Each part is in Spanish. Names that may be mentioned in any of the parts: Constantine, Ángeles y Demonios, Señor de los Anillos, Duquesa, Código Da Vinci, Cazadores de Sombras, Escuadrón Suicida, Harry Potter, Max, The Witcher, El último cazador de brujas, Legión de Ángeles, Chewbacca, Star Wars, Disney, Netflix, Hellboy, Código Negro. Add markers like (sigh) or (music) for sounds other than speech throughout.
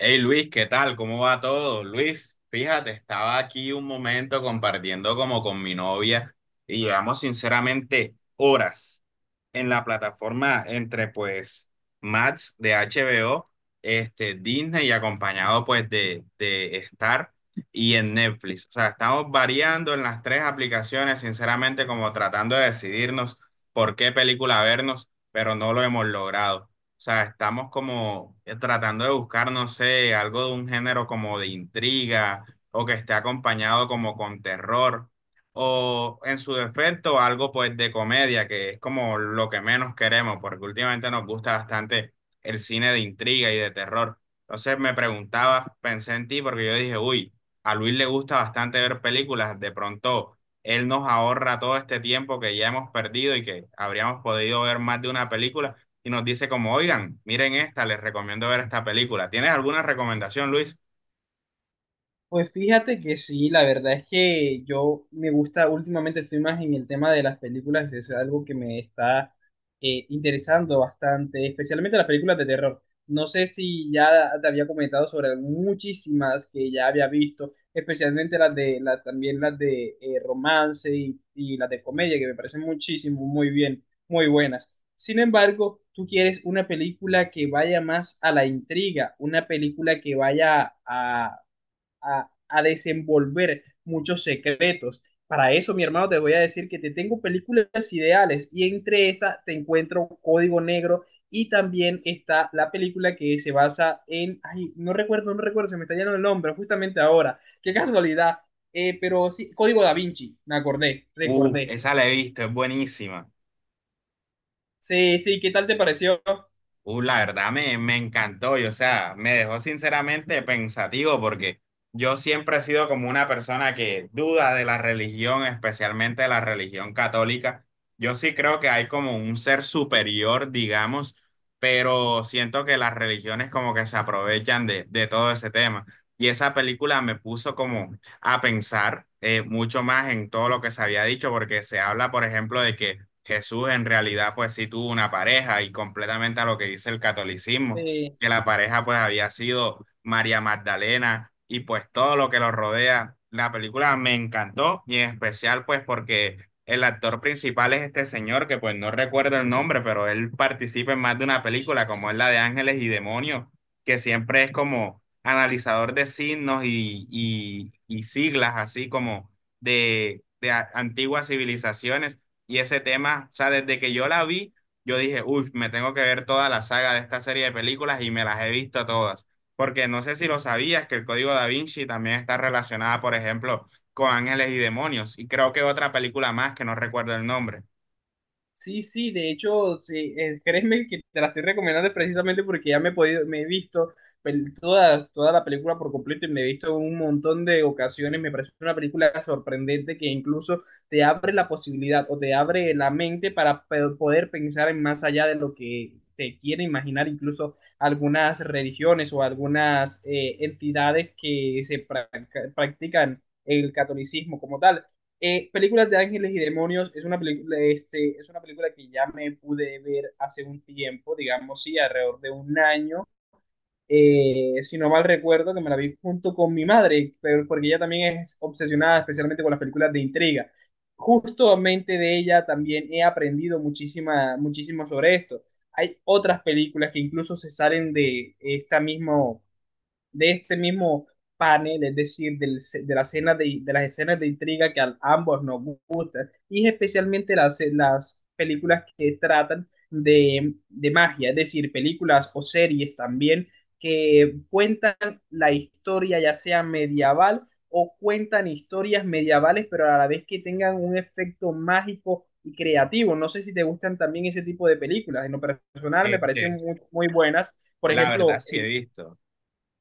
Hey Luis, ¿qué tal? ¿Cómo va todo? Luis, fíjate, estaba aquí un momento compartiendo como con mi novia y llevamos sinceramente horas en la plataforma entre pues Max de HBO, este, Disney y acompañado pues de Star y en Netflix. O sea, estamos variando en las tres aplicaciones, sinceramente como tratando de decidirnos por qué película vernos, pero no lo hemos logrado. O sea, estamos como tratando de buscar, no sé, algo de un género como de intriga o que esté acompañado como con terror o en su defecto algo pues de comedia, que es como lo que menos queremos porque últimamente nos gusta bastante el cine de intriga y de terror. Entonces me preguntaba, pensé en ti porque yo dije, uy, a Luis le gusta bastante ver películas, de pronto él nos ahorra todo este tiempo que ya hemos perdido y que habríamos podido ver más de una película y nos dice como, oigan, miren esta, les recomiendo ver esta película. ¿Tienes alguna recomendación, Luis? Pues fíjate que sí, la verdad es que yo me gusta, últimamente estoy más en el tema de las películas, es algo que me está interesando bastante, especialmente las películas de terror. No sé si ya te había comentado sobre muchísimas que ya había visto, especialmente las también las de romance y las de comedia, que me parecen muchísimo, muy bien, muy buenas. Sin embargo, tú quieres una película que vaya más a la intriga, una película que vaya a desenvolver muchos secretos. Para eso, mi hermano, te voy a decir que te tengo películas ideales y entre esas te encuentro Código Negro y también está la película que se basa en, ay, no recuerdo, no recuerdo, se me está yendo el nombre justamente ahora. Qué casualidad. Pero sí, Código Da Vinci, me acordé, Uf, recordé. esa la he visto, es buenísima. Sí, sí, ¿qué tal te pareció? La verdad me encantó y o sea, me dejó sinceramente pensativo porque yo siempre he sido como una persona que duda de la religión, especialmente de la religión católica. Yo sí creo que hay como un ser superior, digamos, pero siento que las religiones como que se aprovechan de todo ese tema. Y esa película me puso como a pensar mucho más en todo lo que se había dicho porque se habla, por ejemplo, de que Jesús en realidad pues sí tuvo una pareja y completamente a lo que dice el catolicismo, Eh, que la pareja pues había sido María Magdalena y pues todo lo que lo rodea. La película me encantó y en especial pues porque el actor principal es este señor que pues no recuerdo el nombre, pero él participa en más de una película como es la de Ángeles y Demonios, que siempre es como analizador de signos y siglas así como de antiguas civilizaciones y ese tema, o sea, desde que yo la vi, yo dije, uy, me tengo que ver toda la saga de esta serie de películas y me las he visto todas. Porque no sé si lo sabías, que el Código Da Vinci también está relacionada, por ejemplo, con Ángeles y Demonios. Y creo que otra película más que no recuerdo el nombre. Sí, sí, de hecho, sí, créeme que te la estoy recomendando precisamente porque ya me he podido, me he visto toda la película por completo y me he visto un montón de ocasiones. Me parece una película sorprendente que incluso te abre la posibilidad o te abre la mente para poder pensar en más allá de lo que te quiere imaginar, incluso algunas religiones o algunas entidades que se practican el catolicismo como tal. Películas de Ángeles y Demonios es es una película que ya me pude ver hace un tiempo, digamos, sí, alrededor de un año. Si no mal recuerdo, que me la vi junto con mi madre, pero porque ella también es obsesionada especialmente con las películas de intriga. Justamente de ella también he aprendido muchísimo sobre esto. Hay otras películas que incluso se salen de esta misma de este mismo panel, es decir, del ce- de, la escena de las escenas de intriga que a ambos nos gustan, y especialmente las películas que tratan de magia, es decir, películas o series también que cuentan la historia ya sea medieval o cuentan historias medievales, pero a la vez que tengan un efecto mágico y creativo. No sé si te gustan también ese tipo de películas. En lo personal me parecen Este, muy, muy buenas. Por la verdad ejemplo. sí he visto.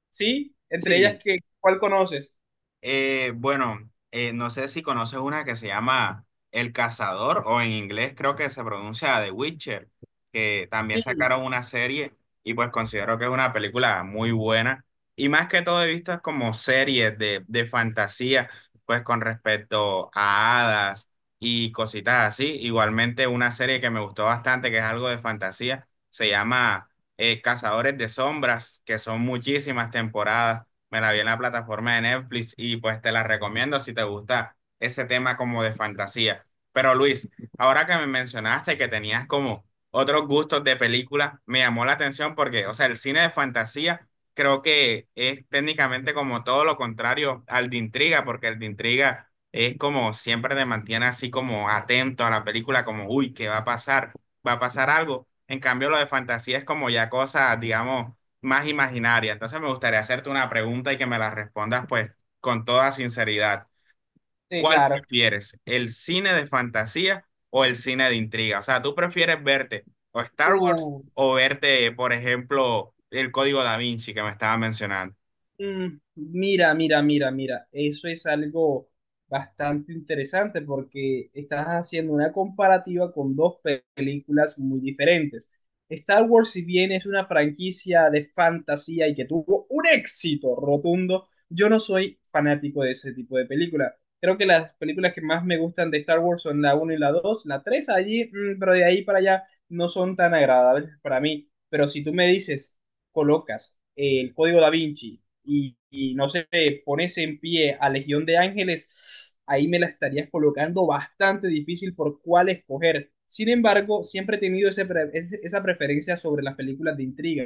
Sí, entre ellas, Sí. ¿Cuál conoces? Bueno, no sé si conoces una que se llama El Cazador o en inglés creo que se pronuncia The Witcher, que también Sí, sacaron una serie y pues considero que es una película muy buena. Y más que todo he visto es como series de fantasía, pues con respecto a hadas y cositas así. Igualmente una serie que me gustó bastante, que es algo de fantasía, se llama Cazadores de Sombras, que son muchísimas temporadas, me la vi en la plataforma de Netflix y pues te la recomiendo si te gusta ese tema como de fantasía. Pero Luis, ahora que me mencionaste que tenías como otros gustos de películas, me llamó la atención porque, o sea, el cine de fantasía creo que es técnicamente como todo lo contrario al de intriga, porque el de intriga es como siempre te mantiene así como atento a la película, como, uy, ¿qué va a pasar? ¿Va a pasar algo? En cambio, lo de fantasía es como ya cosas, digamos más imaginaria. Entonces me gustaría hacerte una pregunta y que me la respondas pues con toda sinceridad. sí, ¿Cuál claro. prefieres? ¿El cine de fantasía o el cine de intriga? O sea, ¿tú prefieres verte o Star Wars Uh, o verte, por ejemplo, el Código Da Vinci que me estaba mencionando? Mm, Mira, mira, mira, mira, eso es algo bastante interesante porque estás haciendo una comparativa con dos películas muy diferentes. Star Wars, si bien es una franquicia de fantasía y que tuvo un éxito rotundo, yo no soy fanático de ese tipo de película. Creo que las películas que más me gustan de Star Wars son la uno y la 2 la 3 allí, pero de ahí para allá no son tan agradables para mí. Pero si tú me dices colocas el código Da Vinci y no sé, pones en pie a Legión de Ángeles, ahí me la estarías colocando bastante difícil por cuál escoger. Sin embargo, siempre he tenido esa preferencia sobre las películas de intriga.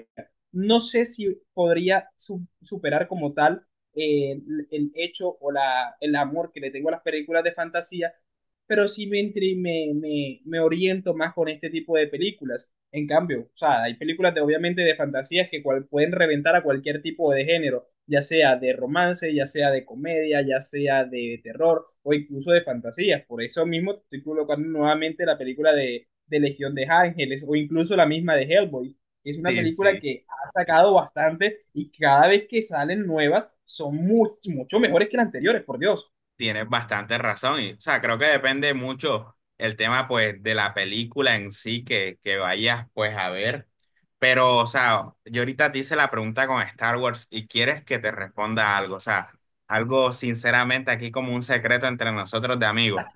No sé si podría superar como tal el hecho o el amor que le tengo a las películas de fantasía, pero sí me, intri- me oriento más con este tipo de películas. En cambio, o sea, hay películas de, obviamente de fantasías que pueden reventar a cualquier tipo de género ya sea de romance, ya sea de comedia, ya sea de terror o incluso de fantasías. Por eso mismo te estoy colocando nuevamente la película de Legión de Ángeles o incluso la misma de Hellboy. Es una Sí, película sí, que ha sacado bastante y cada vez que salen nuevas son mucho, mucho mejores que las anteriores, por Dios. tienes bastante razón. Y, o sea, creo que depende mucho el tema pues de la película en sí que vayas pues a ver. Pero, o sea, yo ahorita te hice la pregunta con Star Wars y quieres que te responda algo, o sea, algo sinceramente aquí como un secreto entre nosotros de amigos.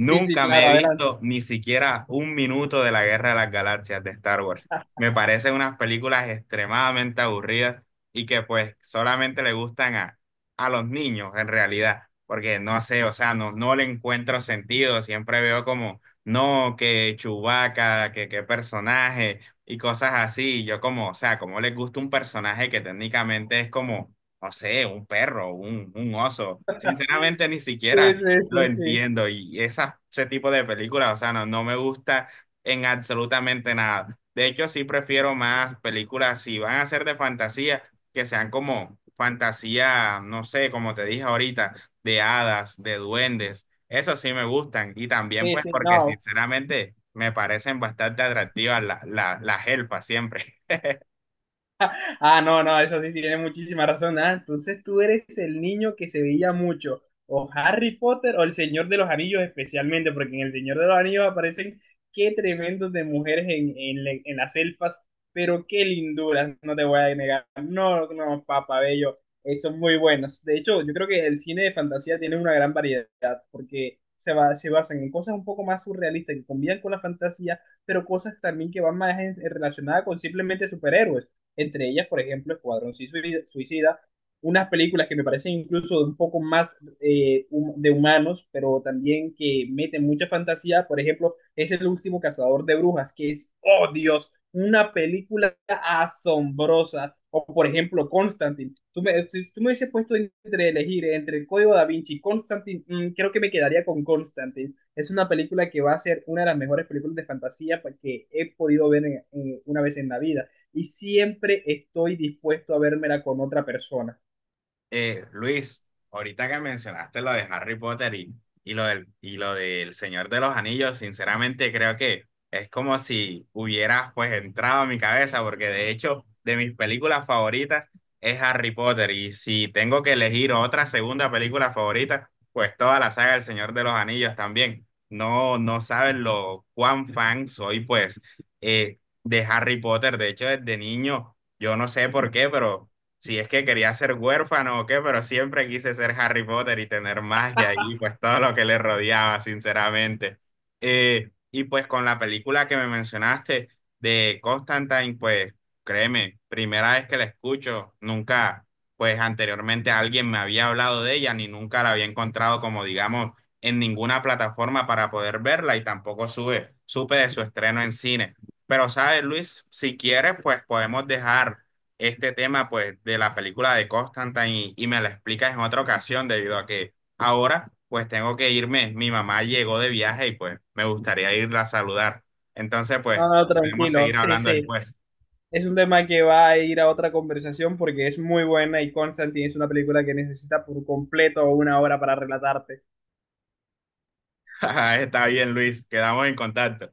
Sí, sí, me he claro, adelante. visto ni siquiera un minuto de la Guerra de las Galaxias de Star Wars. Me parecen unas películas extremadamente aburridas y que pues solamente le gustan a los niños en realidad, porque no sé, o sea, no, no le encuentro sentido, siempre veo como, no, que Chewbacca, que qué personaje y cosas así. Y yo como, o sea, como les gusta un personaje que técnicamente es como, no sé, un perro, un oso. Sinceramente ni Sí, siquiera sí, lo sí, sí. entiendo. Y esa, ese tipo de películas, o sea, no, no me gusta en absolutamente nada. De hecho, sí prefiero más películas, si van a ser de fantasía, que sean como fantasía, no sé, como te dije ahorita, de hadas, de duendes. Eso sí me gustan. Y también Sí, pues sí, porque no, sinceramente me parecen bastante atractivas las elfas siempre. ah, no, no, eso sí tiene muchísima razón. Ah, entonces tú eres el niño que se veía mucho. O Harry Potter o el Señor de los Anillos especialmente, porque en el Señor de los Anillos aparecen qué tremendos de mujeres en las elfas, pero qué linduras, no te voy a negar. No, no, papá bello, son muy buenos. De hecho, yo creo que el cine de fantasía tiene una gran variedad, porque se basan en cosas un poco más surrealistas que combinan con la fantasía, pero cosas también que van más relacionadas con simplemente superhéroes entre ellas, por ejemplo, Escuadrón Suicida, unas películas que me parecen incluso un poco más de humanos, pero también que meten mucha fantasía. Por ejemplo, es El último cazador de brujas, que es, oh Dios, una película asombrosa. O por ejemplo, Constantine. Si tú me hubieses puesto entre elegir entre el Código da Vinci y Constantine, creo que me quedaría con Constantine. Es una película que va a ser una de las mejores películas de fantasía que he podido ver una vez en la vida y siempre estoy dispuesto a vérmela con otra persona. Luis, ahorita que mencionaste lo de Harry Potter y lo del Señor de los Anillos, sinceramente creo que es como si hubieras pues entrado a mi cabeza, porque de hecho de mis películas favoritas es Harry Potter y si tengo que elegir otra segunda película favorita, pues toda la saga del Señor de los Anillos también. No, no saben lo cuán fan soy pues de Harry Potter, de hecho desde niño, yo no sé por qué, pero si es que quería ser huérfano o qué, pero siempre quise ser Harry Potter y tener magia y pues todo lo que le rodeaba, sinceramente. Y pues con la película que me mencionaste de Constantine, pues créeme, primera vez que la escucho, nunca, pues anteriormente alguien me había hablado de ella ni nunca la había encontrado como digamos en ninguna plataforma para poder verla y tampoco supe de su estreno en cine. Pero sabes, Luis, si quieres, pues podemos dejar este tema pues de la película de Constantine y me la explicas en otra ocasión debido a que ahora pues tengo que irme, mi mamá llegó de viaje y pues me gustaría irla a saludar. Entonces pues No, no, podemos tranquilo, seguir sí, hablando sí. después. Es un tema que va a ir a otra conversación porque es muy buena y Constantine es una película que necesita por completo una hora para relatarte. (laughs) Está bien, Luis, quedamos en contacto.